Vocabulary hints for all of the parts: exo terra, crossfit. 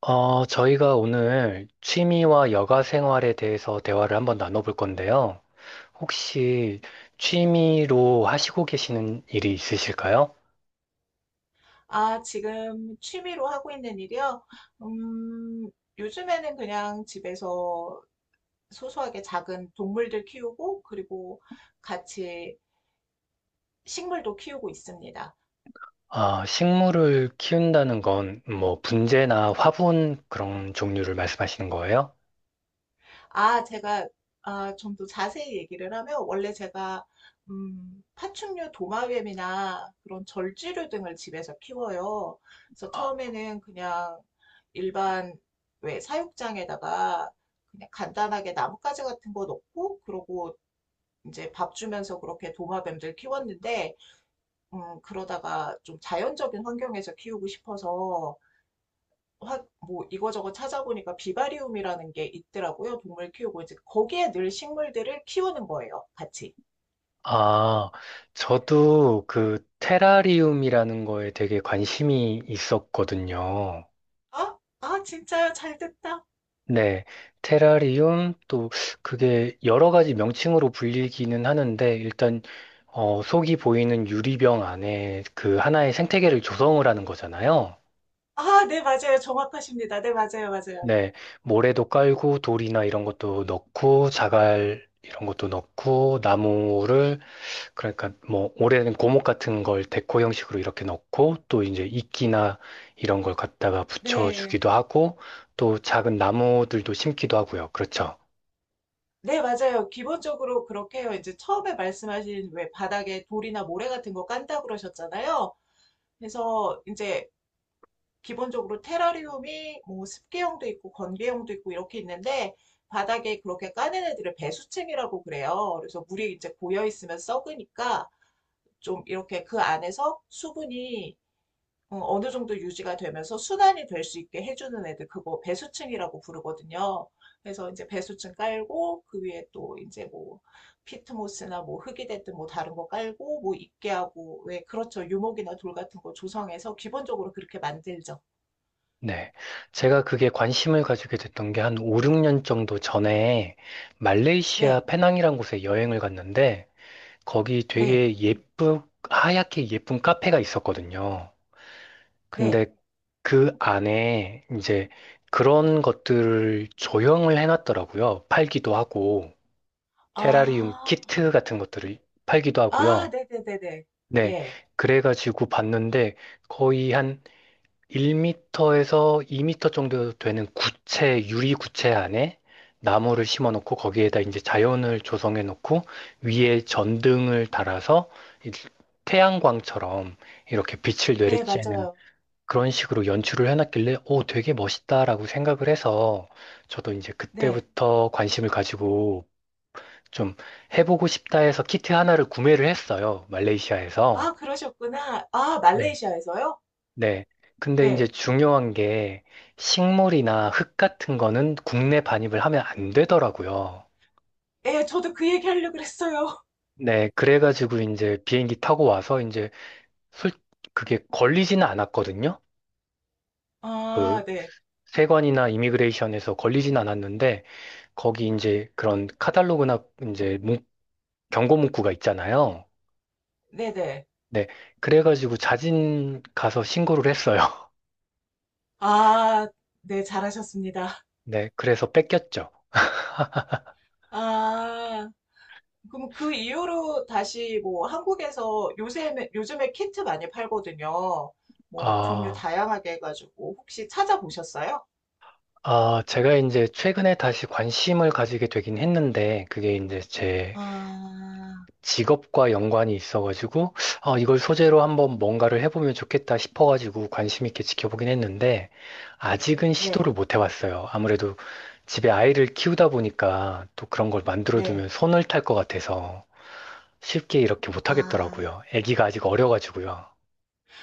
저희가 오늘 취미와 여가 생활에 대해서 대화를 한번 나눠볼 건데요. 혹시 취미로 하시고 계시는 일이 있으실까요? 아, 지금 취미로 하고 있는 일이요? 음, 요즘에는 그냥 집에서 소소하게 작은 동물들 키우고, 그리고 같이 식물도 키우고 있습니다. 아, 식물을 키운다는 건 뭐 분재나 화분 그런 종류를 말씀하시는 거예요? 아, 제가, 좀 더 자세히 얘기를 하면, 원래 제가, 파충류 도마뱀이나 그런 절지류 등을 집에서 키워요. 그래서 처음에는 그냥 일반, 왜, 사육장에다가 그냥 간단하게 나뭇가지 같은 거 넣고, 그러고 이제 밥 주면서 그렇게 도마뱀들 키웠는데, 그러다가 좀 자연적인 환경에서 키우고 싶어서, 뭐 이거저거 찾아보니까 비바리움이라는 게 있더라고요. 동물 키우고 이제 거기에 늘 식물들을 키우는 거예요. 같이. 아, 저도 그 테라리움이라는 거에 되게 관심이 있었거든요. 아, 진짜요? 잘 됐다. 네, 테라리움 또 그게 여러 가지 명칭으로 불리기는 하는데 일단 속이 보이는 유리병 안에 그 하나의 생태계를 조성을 하는 거잖아요. 아, 네, 맞아요. 정확하십니다. 네, 맞아요. 맞아요. 네, 모래도 깔고 돌이나 이런 것도 넣고 자갈 이런 것도 넣고 나무를 그러니까 뭐 오래된 고목 같은 걸 데코 형식으로 이렇게 넣고 또 이제 이끼나 이런 걸 갖다가 네. 붙여주기도 하고 또 작은 나무들도 심기도 하고요. 그렇죠. 네, 맞아요. 기본적으로 그렇게 해요. 이제 처음에 말씀하신 왜 바닥에 돌이나 모래 같은 거 깐다 그러셨잖아요. 그래서 이제 기본적으로 테라리움이 뭐 습기형도 있고 건기형도 있고 이렇게 있는데 바닥에 그렇게 까는 애들을 배수층이라고 그래요. 그래서 물이 이제 고여 있으면 썩으니까 좀 이렇게 그 안에서 수분이 느 정도 유지가 되면서 순환이 될 수 있게 해주는 애들 그거 배수층이라고 부르거든요. 그래서 이제 배수층 깔고 그 위에 또 이제 뭐 피트모스나 뭐 흙이 됐든 뭐 다른 거 깔고 뭐 있게 하고 왜 그렇죠 유목이나 돌 같은 거 조성해서 기본적으로 그렇게 만들죠. 네. 제가 그게 관심을 가지게 됐던 게 한 5, 6년 정도 전에 말레이시아 네. 페낭이란 곳에 여행을 갔는데 거기 네. 되게 하얗게 예쁜 카페가 있었거든요. 근데 네. 그 안에 이제 그런 것들을 조형을 해놨더라고요. 팔기도 하고, 테라리움 아. 키트 같은 것들을 팔기도 아 하고요. 네네네네. 네. 네, 네. 예. 그래가지고 봤는데 거의 한 1m에서 2m 정도 되는 구체, 유리 구체 안에 나무를 심어 놓고 거기에다 이제 자연을 조성해 놓고 위에 전등을 달아서 이 태양광처럼 이렇게 빛을 네, 내리쬐는 맞아요. 그런 식으로 연출을 해놨길래 오, 되게 멋있다라고 생각을 해서 저도 이제 네. 그때부터 관심을 가지고 좀 해보고 싶다 해서 키트 하나를 구매를 했어요. 말레이시아에서. 아 그러셨구나. 아 말레이시아에서요? 네. 근데 이제 예. 중요한 게 식물이나 흙 같은 거는 국내 반입을 하면 안 되더라고요. 예, 저도 그 얘기하려고 그랬어요. 네. 그래가지고 이제 비행기 타고 와서 이제 솔, 그게 걸리지는 않았거든요. 그 아 네. 세관이나 이미그레이션에서 걸리진 않았는데 거기 이제 그런 카탈로그나 이제 경고 문구가 있잖아요. 네네. 네. 그래가지고 자진 가서 신고를 했어요. 아 네, 잘하셨습니다. 네. 그래서 뺏겼죠. 아. 그럼 그 이후로 다시 뭐 한국에서 요새 요즘에 키트 많이 팔거든요. 뭐 종류 아. 다양하게 해가지고 혹시 찾아보셨어요? 아, 제가 이제 최근에 다시 관심을 가지게 되긴 했는데, 그게 이제 제 아, 직업과 연관이 있어가지고, 아, 이걸 소재로 한번 뭔가를 해보면 좋겠다 싶어가지고 관심 있게 지켜보긴 했는데, 아직은 네, 시도를 못 해봤어요. 아무래도 집에 아이를 키우다 보니까 또 그런 걸 네. 만들어두면 손을 탈 것 같아서 쉽게 이렇게 못 아. 하겠더라고요. 아기가 아직 어려가지고요.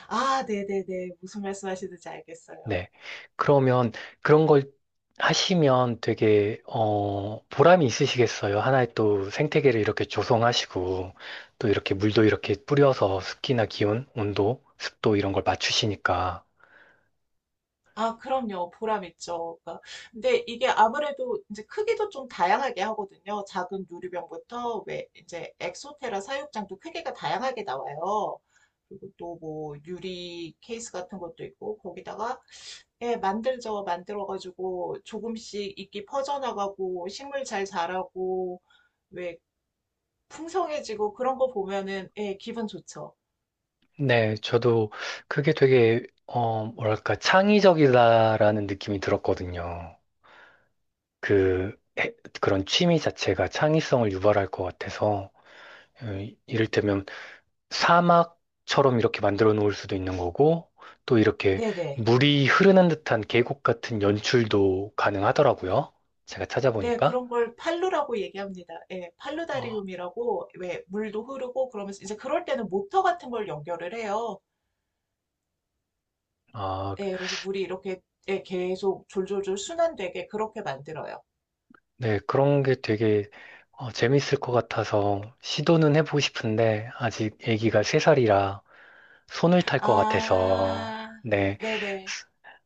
아, 네네네. 무슨 말씀하시는지 알겠어요. 네. 그러면 그런 걸 하시면 되게, 보람이 있으시겠어요. 하나의 또 생태계를 이렇게 조성하시고, 또 이렇게 물도 이렇게 뿌려서 습기나 기온, 온도, 습도 이런 걸 맞추시니까. 아, 그럼요. 보람 있죠. 그러니까 근데 이게 아무래도 이제 크기도 좀 다양하게 하거든요. 작은 유리병부터 왜 이제 엑소테라 사육장도 크기가 다양하게 나와요. 그리고 또 뭐 유리 케이스 같은 것도 있고 거기다가 예, 만들죠. 만들어가지고 조금씩 이끼 퍼져나가고 식물 잘 자라고 왜 풍성해지고 그런 거 보면은 예, 기분 좋죠. 네, 저도 그게 되게, 뭐랄까, 창의적이다라는 느낌이 들었거든요. 그, 해- 그런 취미 자체가 창의성을 유발할 것 같아서, 어, 이를테면 사막처럼 이렇게 만들어 놓을 수도 있는 거고, 또 이렇게 네네. 물이 흐르는 듯한 계곡 같은 연출도 가능하더라고요. 제가 네, 찾아보니까. 그런 걸 팔루라고 얘기합니다. 예, 어, 팔루다리움이라고 왜 물도 흐르고 그러면서 이제 그럴 때는 모터 같은 걸 연결을 해요. 아, 예, 그래서 물이 이렇게 예, 계속 졸졸졸 순환되게 그렇게 만들어요. 네, 그런 게 되게 재밌을 것 같아서 시도는 해보고 싶은데, 아직 아기가 세살이라 손을 탈 것 같아서, 아, 네, 네네.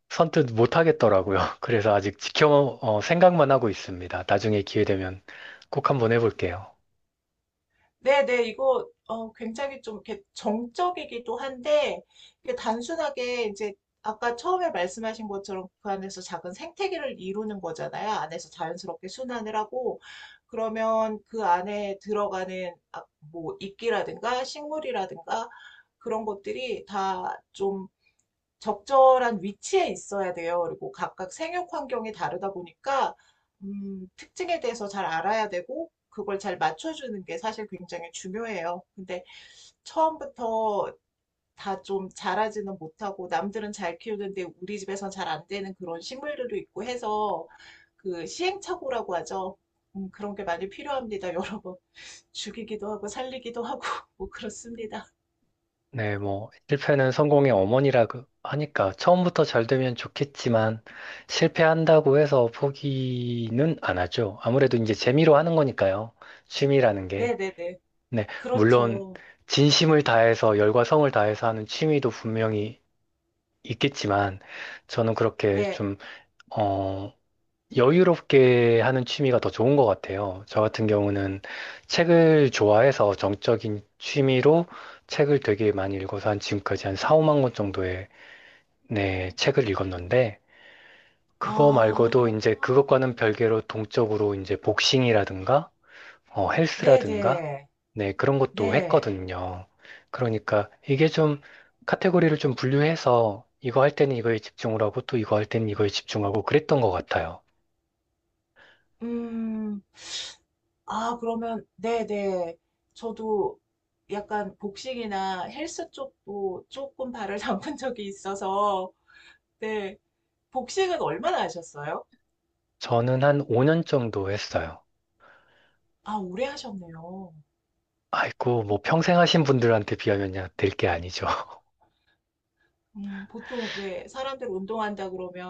선뜻 못 하겠더라고요. 그래서 아직 생각만 하고 있습니다. 나중에 기회 되면 꼭 한번 해볼게요. 네, 네, 이거 굉장히 좀 이렇게 정적이기도 한데 이게 단순하게 이제 아까 처음에 말씀하신 것처럼 그 안에서 작은 생태계를 이루는 거잖아요. 안에서 자연스럽게 순환을 하고 그러면 그 안에 들어가는 아, 뭐 이끼라든가 식물이라든가 그런 것들이 다좀 적절한 위치에 있어야 돼요. 그리고 각각 생육 환경이 다르다 보니까 특징에 대해서 잘 알아야 되고 그걸 잘 맞춰주는 게 사실 굉장히 중요해요. 근데 처음부터 다 좀 자라지는 못하고 남들은 잘 키우는데 우리 집에선 잘 안 되는 그런 식물들도 있고 해서 그 시행착오라고 하죠. 그런 게 많이 필요합니다, 여러분. 죽이기도 하고 살리기도 하고 뭐 그렇습니다. 네, 뭐, 실패는 성공의 어머니라 하니까 처음부터 잘 되면 좋겠지만 실패한다고 해서 포기는 안 하죠. 아무래도 이제 재미로 하는 거니까요. 취미라는 게. 네네네. 네, 물론 그렇죠. 진심을 다해서 열과 성을 다해서 하는 취미도 분명히 있겠지만 저는 그렇게 네. 좀, 어, 여유롭게 하는 취미가 더 좋은 것 같아요. 저 같은 경우는 책을 좋아해서 정적인 취미로 책을 되게 많이 읽어서 한 지금까지 한 4, 5만 권 정도의 네, 책을 읽었는데 그거 말고도 아, 이제 그것과는 별개로 동적으로 이제 복싱이라든가 헬스라든가 네네, 네, 그런 것도 네. 했거든요. 그러니까 이게 좀 카테고리를 좀 분류해서 이거 할 때는 이거에 집중을 하고 또 이거 할 때는 이거에 집중하고 그랬던 것 같아요. 음, 아, 그러면, 네네. 저도 약간 복식이나 헬스 쪽도 조금 발을 담근 적이 있어서, 네. 복식은 얼마나 하셨어요? 저는 한 5년 정도 했어요. 아, 오래 하셨네요. 아이고, 뭐 평생 하신 분들한테 비하면야 될 게 아니죠. 보통 왜 사람들 운동한다 그러면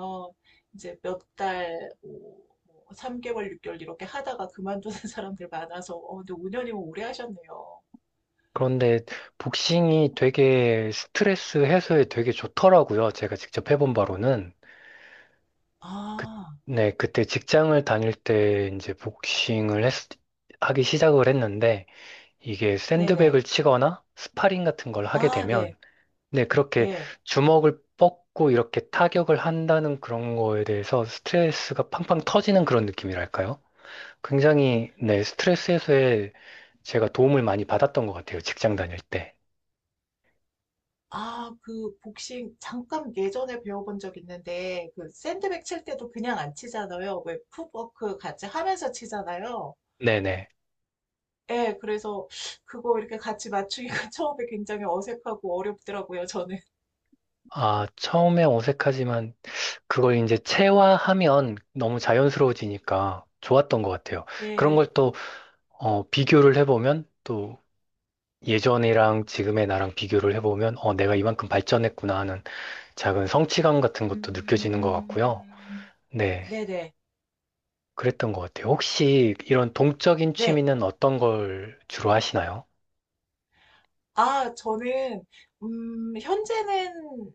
이제 몇 달, 뭐 3개월, 6개월 이렇게 하다가 그만두는 사람들 많아서, 근데 5년이면 오래 하셨네요. 그런데 복싱이 되게 스트레스 해소에 되게 좋더라고요. 제가 직접 해본 바로는. 그, 아, 네, 그때 직장을 다닐 때 이제 하기 시작을 했는데 이게 네네. 샌드백을 치거나 스파링 같은 걸 하게 아, 네, 되면 네, 그렇게 네. 주먹을 뻗고 이렇게 타격을 한다는 그런 거에 대해서 스트레스가 팡팡 터지는 그런 느낌이랄까요? 굉장히 네, 스트레스 해소에 제가 도움을 많이 받았던 것 같아요. 직장 다닐 때. 아, 그 복싱 잠깐 예전에 배워본 적 있는데 그 샌드백 칠 때도 그냥 안 치잖아요. 왜 풋워크 같이 하면서 치잖아요. 네네. 예, 그래서 그거 이렇게 같이 맞추기가 처음에 굉장히 어색하고 어렵더라고요, 저는. 아, 처음에 어색하지만 그걸 이제 체화하면 너무 자연스러워지니까 좋았던 것 같아요. 그런 네. 걸 또, 비교를 해보면 또 예전이랑 지금의 나랑 비교를 해보면 내가 이만큼 발전했구나 하는 작은 성취감 같은 것도 느껴지는 것 같고요. 음, 네. 네네. 그랬던 것 같아요. 혹시 이런 동적인 네. 취미는 어떤 걸 주로 하시나요? 저는 현재는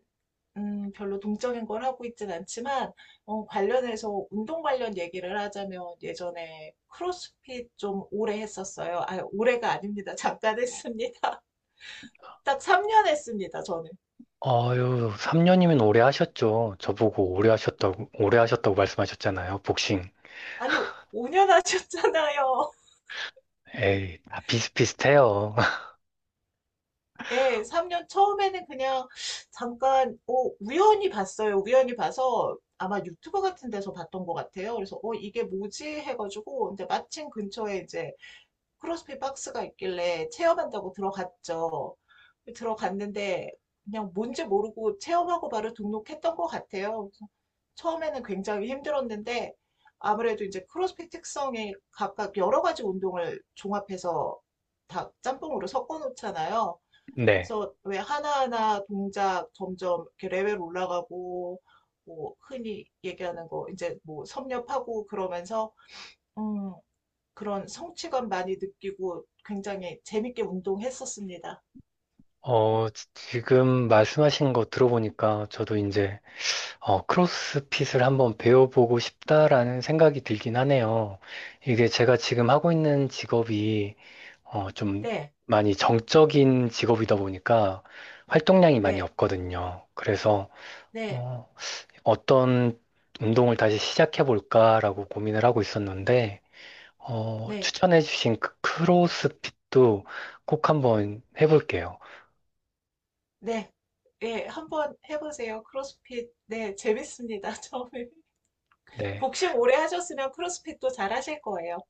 별로 동적인 걸 하고 있진 않지만, 관련해서 운동 관련 얘기를 하자면 예전에 크로스핏 좀 오래 했었어요. 아, 오래가 아닙니다. 잠깐 했습니다. 딱 3년 했습니다, 저는. 아유, 3년이면 오래 하셨죠. 저보고 오래 하셨다고, 오래 하셨다고 말씀하셨잖아요. 복싱. 아니, 5년 하셨잖아요. 에이, 다 비슷비슷해요. 예, 3년 처음에는 그냥 잠깐, 어, 우연히 봤어요. 우연히 봐서 아마 유튜버 같은 데서 봤던 것 같아요. 그래서, 이게 뭐지? 해가지고, 이제 마침 근처에 이제 크로스핏 박스가 있길래 체험한다고 들어갔죠. 들어갔는데 그냥 뭔지 모르고 체험하고 바로 등록했던 것 같아요. 처음에는 굉장히 힘들었는데 아무래도 이제 크로스핏 특성에 각각 여러 가지 운동을 종합해서 다 짬뽕으로 섞어 놓잖아요. 네. 그래서 왜 하나하나 동작 점점 이렇게 레벨 올라가고 뭐 흔히 얘기하는 거 이제 뭐 섭렵하고 그러면서 음, 그런 성취감 많이 느끼고 굉장히 재밌게 운동했었습니다. 지금 말씀하신 거 들어보니까 저도 이제, 크로스핏을 한번 배워보고 싶다라는 생각이 들긴 하네요. 이게 제가 지금 하고 있는 직업이, 좀 네, 많이 정적인 직업이다 보니까 활동량이 많이 네, 없거든요. 그래서, 네, 어, 어떤 운동을 다시 시작해 볼까라고 고민을 하고 있었는데, 네, 추천해 주신 그 크로스핏도 꼭 한번 해볼게요. 네. 예, 한번 해보세요. 크로스핏. 네, 재밌습니다. 처음에. 네, 복싱 오래 하셨으면 크로스핏도 잘 하실 거예요.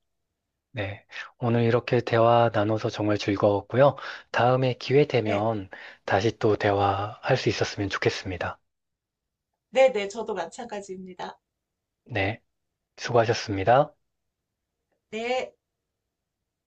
네. 오늘 이렇게 대화 나눠서 정말 즐거웠고요. 다음에 기회 네, 되면 다시 또 대화할 수 있었으면 좋겠습니다. 네, 네. 저도 마찬가지입니다. 네, 수고하셨습니다. 네.